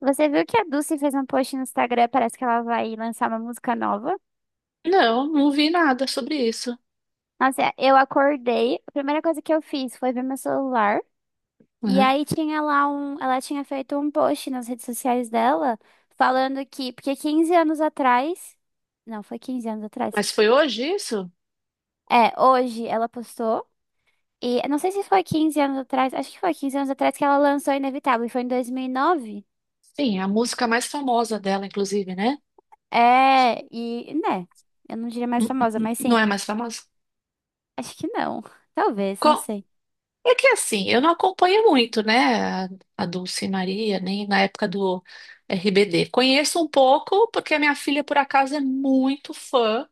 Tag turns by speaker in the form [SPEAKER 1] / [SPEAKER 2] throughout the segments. [SPEAKER 1] Você viu que a Dulce fez um post no Instagram, parece que ela vai lançar uma música nova.
[SPEAKER 2] Não, não vi nada sobre isso.
[SPEAKER 1] Nossa, eu acordei, a primeira coisa que eu fiz foi ver meu celular, e
[SPEAKER 2] Uhum.
[SPEAKER 1] aí tinha lá ela tinha feito um post nas redes sociais dela, falando que, porque 15 anos atrás, não, foi 15 anos atrás.
[SPEAKER 2] Mas foi hoje isso?
[SPEAKER 1] É, hoje ela postou, e eu não sei se foi 15 anos atrás, acho que foi 15 anos atrás que ela lançou Inevitável, e foi em 2009.
[SPEAKER 2] Sim, a música mais famosa dela, inclusive, né?
[SPEAKER 1] É, e, né, eu não diria mais
[SPEAKER 2] N-
[SPEAKER 1] famosa, mas
[SPEAKER 2] Não
[SPEAKER 1] sim,
[SPEAKER 2] é mais famosa?
[SPEAKER 1] acho que não. Talvez, não
[SPEAKER 2] Co-
[SPEAKER 1] sei.
[SPEAKER 2] É que assim, eu não acompanho muito, né? A Dulce Maria, nem na época do RBD. Conheço um pouco, porque a minha filha, por acaso, é muito fã.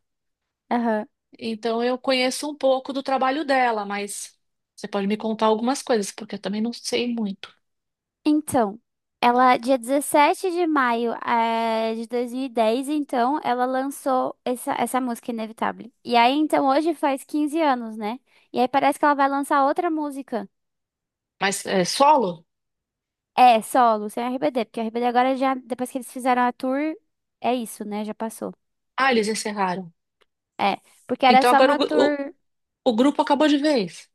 [SPEAKER 1] Aham.
[SPEAKER 2] Então eu conheço um pouco do trabalho dela, mas você pode me contar algumas coisas, porque eu também não sei muito.
[SPEAKER 1] Então, ela, dia 17 de maio, de 2010, então, ela lançou essa música Inevitável. E aí, então, hoje faz 15 anos, né? E aí parece que ela vai lançar outra música.
[SPEAKER 2] Mas é solo?
[SPEAKER 1] É, solo, sem RBD, porque RBD agora já, depois que eles fizeram a tour, é isso, né? Já passou.
[SPEAKER 2] Ah, eles encerraram.
[SPEAKER 1] É, porque era
[SPEAKER 2] Então
[SPEAKER 1] só
[SPEAKER 2] agora
[SPEAKER 1] uma tour.
[SPEAKER 2] o grupo acabou de vez.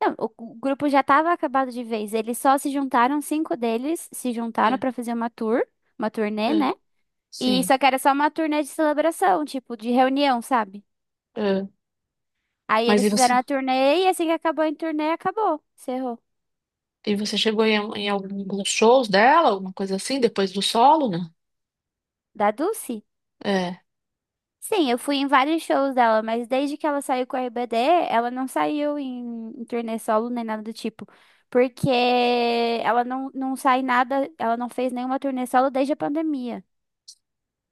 [SPEAKER 1] Não, o grupo já tava acabado de vez. Eles só se juntaram, cinco deles se juntaram
[SPEAKER 2] É,
[SPEAKER 1] pra fazer uma tour, uma turnê,
[SPEAKER 2] é,
[SPEAKER 1] né? E
[SPEAKER 2] sim.
[SPEAKER 1] só que era só uma turnê de celebração, tipo, de reunião, sabe?
[SPEAKER 2] É.
[SPEAKER 1] Aí
[SPEAKER 2] Mas
[SPEAKER 1] eles
[SPEAKER 2] e você,
[SPEAKER 1] fizeram a turnê e assim que acabou a turnê, acabou. Encerrou.
[SPEAKER 2] chegou em alguns shows dela, alguma coisa assim, depois do solo, né?
[SPEAKER 1] Da Dulce?
[SPEAKER 2] É.
[SPEAKER 1] Sim, eu fui em vários shows dela, mas desde que ela saiu com a RBD, ela não saiu em turnê solo nem nada do tipo. Porque ela não sai nada, ela não fez nenhuma turnê solo desde a pandemia.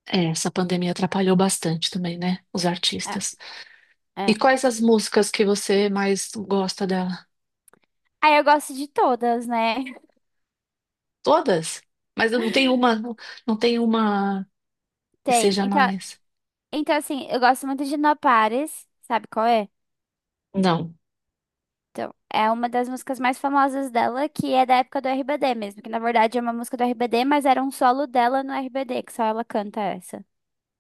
[SPEAKER 2] É, essa pandemia atrapalhou bastante também, né? Os
[SPEAKER 1] É,
[SPEAKER 2] artistas. E
[SPEAKER 1] é.
[SPEAKER 2] quais as músicas que você mais gosta dela?
[SPEAKER 1] Aí eu gosto de todas, né?
[SPEAKER 2] Todas? Mas não tem uma, não tem uma que
[SPEAKER 1] Tem.
[SPEAKER 2] seja
[SPEAKER 1] Então,
[SPEAKER 2] mais.
[SPEAKER 1] assim, eu gosto muito de No Pares, sabe qual é?
[SPEAKER 2] Não.
[SPEAKER 1] Então, é uma das músicas mais famosas dela, que é da época do RBD mesmo, que na verdade é uma música do RBD, mas era um solo dela no RBD, que só ela canta essa.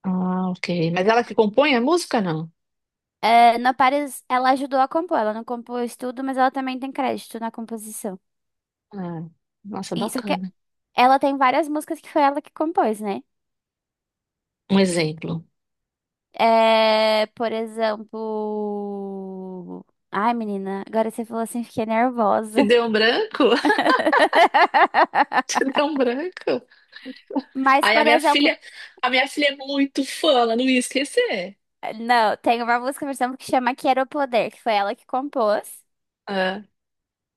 [SPEAKER 2] Ah, ok. Mas ela que compõe a música, não?
[SPEAKER 1] É, na Paris, ela ajudou a compor, ela não compôs tudo, mas ela também tem crédito na composição.
[SPEAKER 2] Ah, nossa,
[SPEAKER 1] E só que
[SPEAKER 2] bacana.
[SPEAKER 1] ela tem várias músicas que foi ela que compôs, né?
[SPEAKER 2] Um exemplo.
[SPEAKER 1] É, por exemplo. Ai, menina, agora você falou assim, fiquei
[SPEAKER 2] Te
[SPEAKER 1] nervosa.
[SPEAKER 2] deu um branco? Te deu um branco?
[SPEAKER 1] Mas,
[SPEAKER 2] Aí a
[SPEAKER 1] por
[SPEAKER 2] minha
[SPEAKER 1] exemplo,
[SPEAKER 2] filha, é muito fã, ela não ia esquecer.
[SPEAKER 1] não, tem uma música, por exemplo, que chama Quero Poder, que foi ela que compôs.
[SPEAKER 2] É,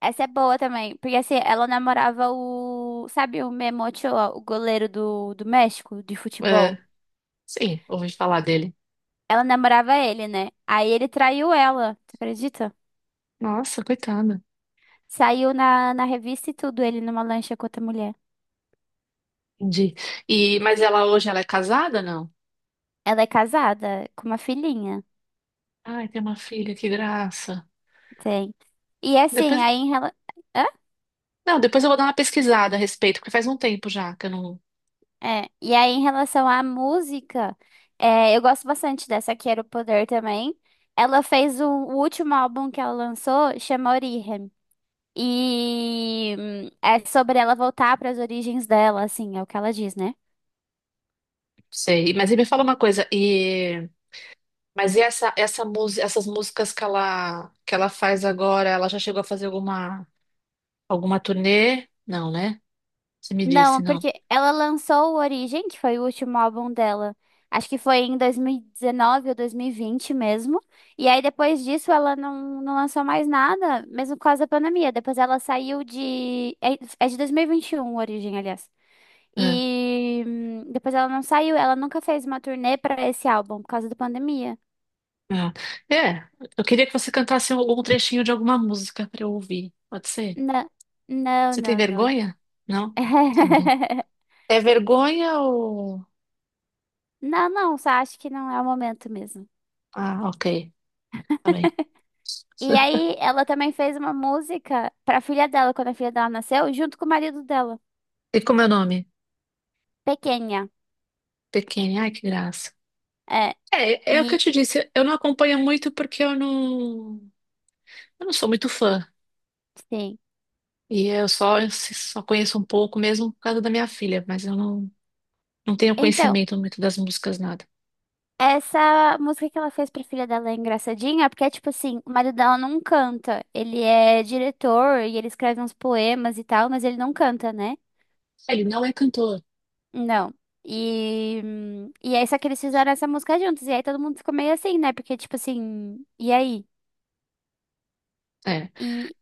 [SPEAKER 1] Essa é boa também, porque assim, ela namorava o, sabe, o Memo Ochoa, o goleiro do México de
[SPEAKER 2] é,
[SPEAKER 1] futebol.
[SPEAKER 2] sim, ouvi falar dele.
[SPEAKER 1] Ela namorava ele, né? Aí ele traiu ela, tu acredita?
[SPEAKER 2] Nossa, coitada.
[SPEAKER 1] Saiu na revista e tudo, ele numa lancha com outra mulher.
[SPEAKER 2] Entendi. E, mas ela hoje ela é casada, não?
[SPEAKER 1] Ela é casada, com uma filhinha,
[SPEAKER 2] Ai, tem uma filha, que graça.
[SPEAKER 1] tem. E assim,
[SPEAKER 2] Depois,
[SPEAKER 1] aí em relação.
[SPEAKER 2] não, depois eu vou dar uma pesquisada a respeito, porque faz um tempo já que eu não
[SPEAKER 1] É, e aí em relação à música, eu gosto bastante dessa Quero Poder também. Ela fez o último álbum que ela lançou, chama Origem. E é sobre ela voltar para as origens dela, assim, é o que ela diz, né?
[SPEAKER 2] sei. Mas e me fala uma coisa, e mas e essa música, essas músicas que ela faz agora, ela já chegou a fazer alguma turnê? Não, né? Você me disse,
[SPEAKER 1] Não,
[SPEAKER 2] não.
[SPEAKER 1] porque ela lançou o Origem, que foi o último álbum dela. Acho que foi em 2019 ou 2020 mesmo. E aí depois disso ela não lançou mais nada, mesmo por causa da pandemia. Depois ela saiu de. É de 2021 o Origem, aliás.
[SPEAKER 2] É.
[SPEAKER 1] E depois ela não saiu, ela nunca fez uma turnê pra esse álbum por causa da pandemia.
[SPEAKER 2] Ah, é, eu queria que você cantasse algum trechinho de alguma música para eu ouvir. Pode ser?
[SPEAKER 1] Não, não,
[SPEAKER 2] Você tem
[SPEAKER 1] não, não.
[SPEAKER 2] vergonha? Não? Tá bem. É vergonha ou.
[SPEAKER 1] Não, não, só acho que não é o momento mesmo.
[SPEAKER 2] Ah, ok. Tá bem.
[SPEAKER 1] E aí ela também fez uma música pra filha dela, quando a filha dela nasceu, junto com o marido dela,
[SPEAKER 2] E como é o nome?
[SPEAKER 1] pequena.
[SPEAKER 2] Pequena. Ai, que graça.
[SPEAKER 1] É,
[SPEAKER 2] É, é o que eu
[SPEAKER 1] e
[SPEAKER 2] te disse. Eu não acompanho muito porque eu não. Eu não sou muito fã.
[SPEAKER 1] sim.
[SPEAKER 2] E eu só conheço um pouco mesmo por causa da minha filha, mas eu não tenho
[SPEAKER 1] Então,
[SPEAKER 2] conhecimento muito das músicas, nada.
[SPEAKER 1] essa música que ela fez pra filha dela é engraçadinha, porque é tipo assim, o marido dela não canta. Ele é diretor e ele escreve uns poemas e tal, mas ele não canta, né?
[SPEAKER 2] Ele não é cantor.
[SPEAKER 1] Não. E aí, só que eles fizeram essa música juntos. E aí todo mundo ficou meio assim, né? Porque, tipo assim, e aí?
[SPEAKER 2] É.
[SPEAKER 1] e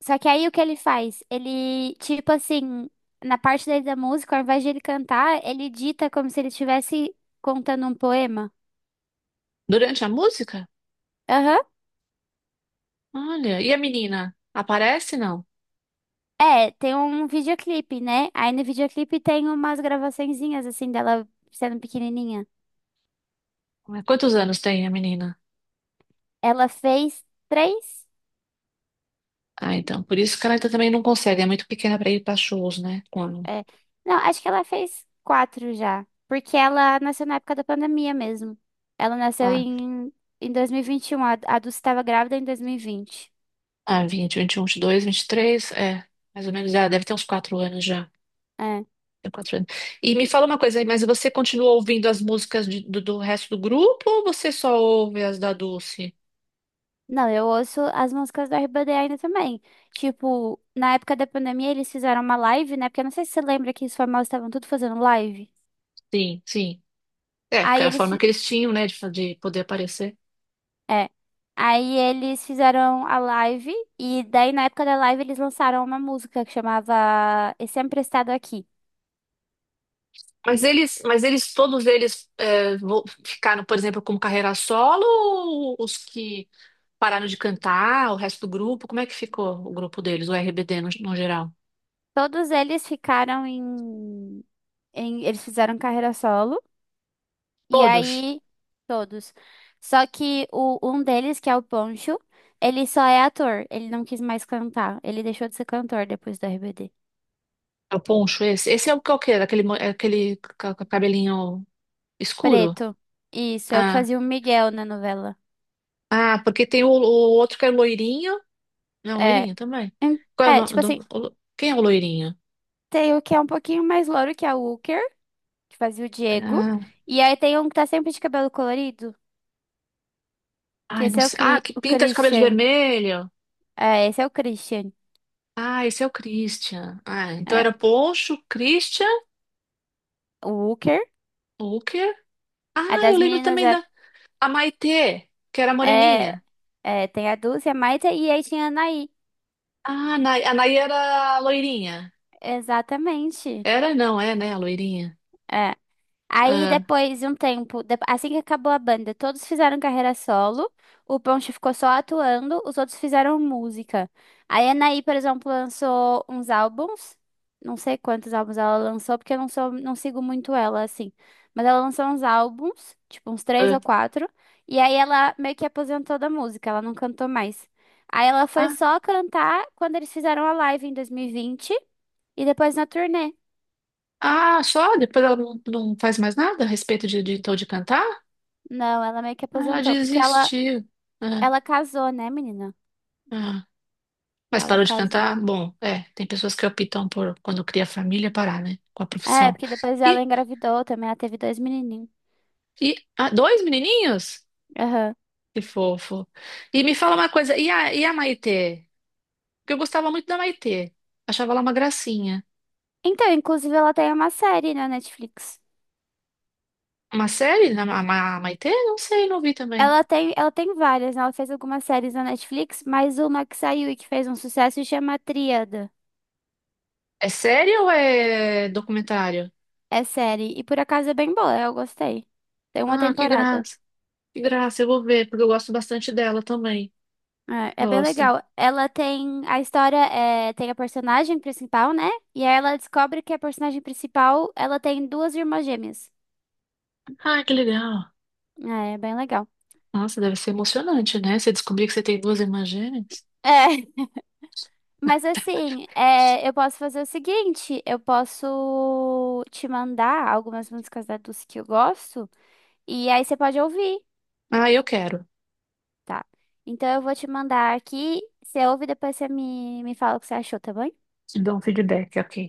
[SPEAKER 1] Só que aí o que ele faz? Ele, tipo assim, na parte daí da música, ao invés de ele cantar, ele dita como se ele estivesse contando um poema.
[SPEAKER 2] Durante a música?
[SPEAKER 1] Aham.
[SPEAKER 2] Olha, e a menina? Aparece, não?
[SPEAKER 1] É, tem um videoclipe, né? Aí no videoclipe tem umas gravaçõezinhas, assim, dela sendo pequenininha.
[SPEAKER 2] Quantos anos tem a menina?
[SPEAKER 1] Ela fez três?
[SPEAKER 2] Ah, então, por isso que ela ainda também não consegue, é muito pequena para ir para shows, né? Quando?
[SPEAKER 1] É. Não, acho que ela fez quatro já. Porque ela nasceu na época da pandemia mesmo. Ela nasceu
[SPEAKER 2] Ah,
[SPEAKER 1] em 2021, a Dulce estava grávida em 2020.
[SPEAKER 2] ah, 20, 21, 22, 23, é, mais ou menos, já deve ter uns 4 anos já. Tem quatro anos. E me fala uma coisa aí, mas você continua ouvindo as músicas do resto do grupo ou você só ouve as da Dulce?
[SPEAKER 1] Não, eu ouço as músicas da RBD ainda também. Tipo, na época da pandemia eles fizeram uma live, né? Porque eu não sei se você lembra que os famosos estavam tudo fazendo live.
[SPEAKER 2] Sim, sim. É, porque
[SPEAKER 1] Aí
[SPEAKER 2] era a
[SPEAKER 1] eles,
[SPEAKER 2] forma que eles tinham, né, de poder aparecer.
[SPEAKER 1] é. Aí eles fizeram a live e daí na época da live eles lançaram uma música que chamava Esse Emprestado Aqui.
[SPEAKER 2] Mas eles, todos eles é, ficaram, por exemplo, como carreira solo, ou os que pararam de cantar, o resto do grupo, como é que ficou o grupo deles, o RBD no geral?
[SPEAKER 1] Todos eles ficaram eles fizeram carreira solo. E
[SPEAKER 2] Todos?
[SPEAKER 1] aí, todos. Só que um deles, que é o Poncho, ele só é ator. Ele não quis mais cantar. Ele deixou de ser cantor depois do RBD.
[SPEAKER 2] É o poncho esse? Esse é o que é o quê? Aquele, é aquele cabelinho escuro?
[SPEAKER 1] Preto. Isso, é o que
[SPEAKER 2] Ah,
[SPEAKER 1] fazia o Miguel na novela.
[SPEAKER 2] ah, porque tem o outro que é loirinho. Não,
[SPEAKER 1] É.
[SPEAKER 2] loirinho também. Qual é o
[SPEAKER 1] É,
[SPEAKER 2] nome
[SPEAKER 1] tipo
[SPEAKER 2] do...
[SPEAKER 1] assim,
[SPEAKER 2] Quem é o loirinho?
[SPEAKER 1] tem o que é um pouquinho mais louro, que é o Walker, que fazia o Diego.
[SPEAKER 2] Ah,
[SPEAKER 1] E aí tem um que tá sempre de cabelo colorido, que
[SPEAKER 2] ai, não
[SPEAKER 1] esse é o,
[SPEAKER 2] sei. Ah,
[SPEAKER 1] Cri
[SPEAKER 2] que
[SPEAKER 1] o
[SPEAKER 2] pinta de cabelo de
[SPEAKER 1] Christian.
[SPEAKER 2] vermelho.
[SPEAKER 1] É, esse é o Christian.
[SPEAKER 2] Ah, esse é o Christian. Ah, então
[SPEAKER 1] É,
[SPEAKER 2] era Poncho, Christian,
[SPEAKER 1] o Walker.
[SPEAKER 2] Hooker.
[SPEAKER 1] A
[SPEAKER 2] Ah, eu
[SPEAKER 1] das
[SPEAKER 2] lembro
[SPEAKER 1] meninas
[SPEAKER 2] também da a Maitê, que era
[SPEAKER 1] é,
[SPEAKER 2] moreninha.
[SPEAKER 1] é, tem a Dulce, a Maita e aí tinha a Anaí.
[SPEAKER 2] Ah, a Nay era loirinha.
[SPEAKER 1] Exatamente.
[SPEAKER 2] Era, não, é, né, a loirinha.
[SPEAKER 1] É. Aí
[SPEAKER 2] Ah,
[SPEAKER 1] depois de um tempo, assim que acabou a banda, todos fizeram carreira solo, o Ponche ficou só atuando, os outros fizeram música. Aí a Anaí, por exemplo, lançou uns álbuns, não sei quantos álbuns ela lançou, porque eu não sigo muito ela assim. Mas ela lançou uns álbuns, tipo uns três ou
[SPEAKER 2] ah,
[SPEAKER 1] quatro, e aí ela meio que aposentou da música, ela não cantou mais. Aí ela foi
[SPEAKER 2] ah,
[SPEAKER 1] só cantar quando eles fizeram a live em 2020 e vinte e depois na turnê.
[SPEAKER 2] ah, só? Depois ela não faz mais nada a respeito de, então, de cantar?
[SPEAKER 1] Não, ela meio que
[SPEAKER 2] Ah, ela
[SPEAKER 1] aposentou, porque ela,
[SPEAKER 2] desistiu. Ah,
[SPEAKER 1] ela casou, né, menina?
[SPEAKER 2] ah. Mas
[SPEAKER 1] Ela
[SPEAKER 2] parou de
[SPEAKER 1] casou.
[SPEAKER 2] cantar? Bom, é, tem pessoas que optam por, quando cria família, parar, né, com a
[SPEAKER 1] É,
[SPEAKER 2] profissão.
[SPEAKER 1] porque depois ela
[SPEAKER 2] E,
[SPEAKER 1] engravidou também, ela teve dois menininhos.
[SPEAKER 2] e ah, dois menininhos?
[SPEAKER 1] Aham.
[SPEAKER 2] Que fofo. E me fala uma coisa, e a Maitê? Porque eu gostava muito da Maitê. Achava ela uma gracinha.
[SPEAKER 1] Então, inclusive, ela tem uma série na Netflix.
[SPEAKER 2] Uma série? A Maitê? Não sei, não vi também.
[SPEAKER 1] Ela tem várias, né? Ela fez algumas séries na Netflix, mas uma que saiu e que fez um sucesso chama Tríada.
[SPEAKER 2] É série ou é documentário?
[SPEAKER 1] É série. E por acaso é bem boa, eu gostei. Tem uma
[SPEAKER 2] Ah, que
[SPEAKER 1] temporada.
[SPEAKER 2] graça. Que graça, eu vou ver, porque eu gosto bastante dela também.
[SPEAKER 1] É, é bem
[SPEAKER 2] Gosta.
[SPEAKER 1] legal. Ela tem. A história é, tem a personagem principal, né? E aí ela descobre que a personagem principal ela tem duas irmãs gêmeas.
[SPEAKER 2] Ah, que legal.
[SPEAKER 1] É, é bem legal.
[SPEAKER 2] Nossa, deve ser emocionante, né? Você descobrir que você tem duas irmãs gêmeas.
[SPEAKER 1] É. Mas assim, eu posso fazer o seguinte: eu posso te mandar algumas músicas da Dulce que eu gosto, e aí você pode ouvir,
[SPEAKER 2] Ah, eu quero.
[SPEAKER 1] tá? Então eu vou te mandar aqui, você ouve e depois você me fala o que você achou, tá bom?
[SPEAKER 2] Te dou um feedback, ok.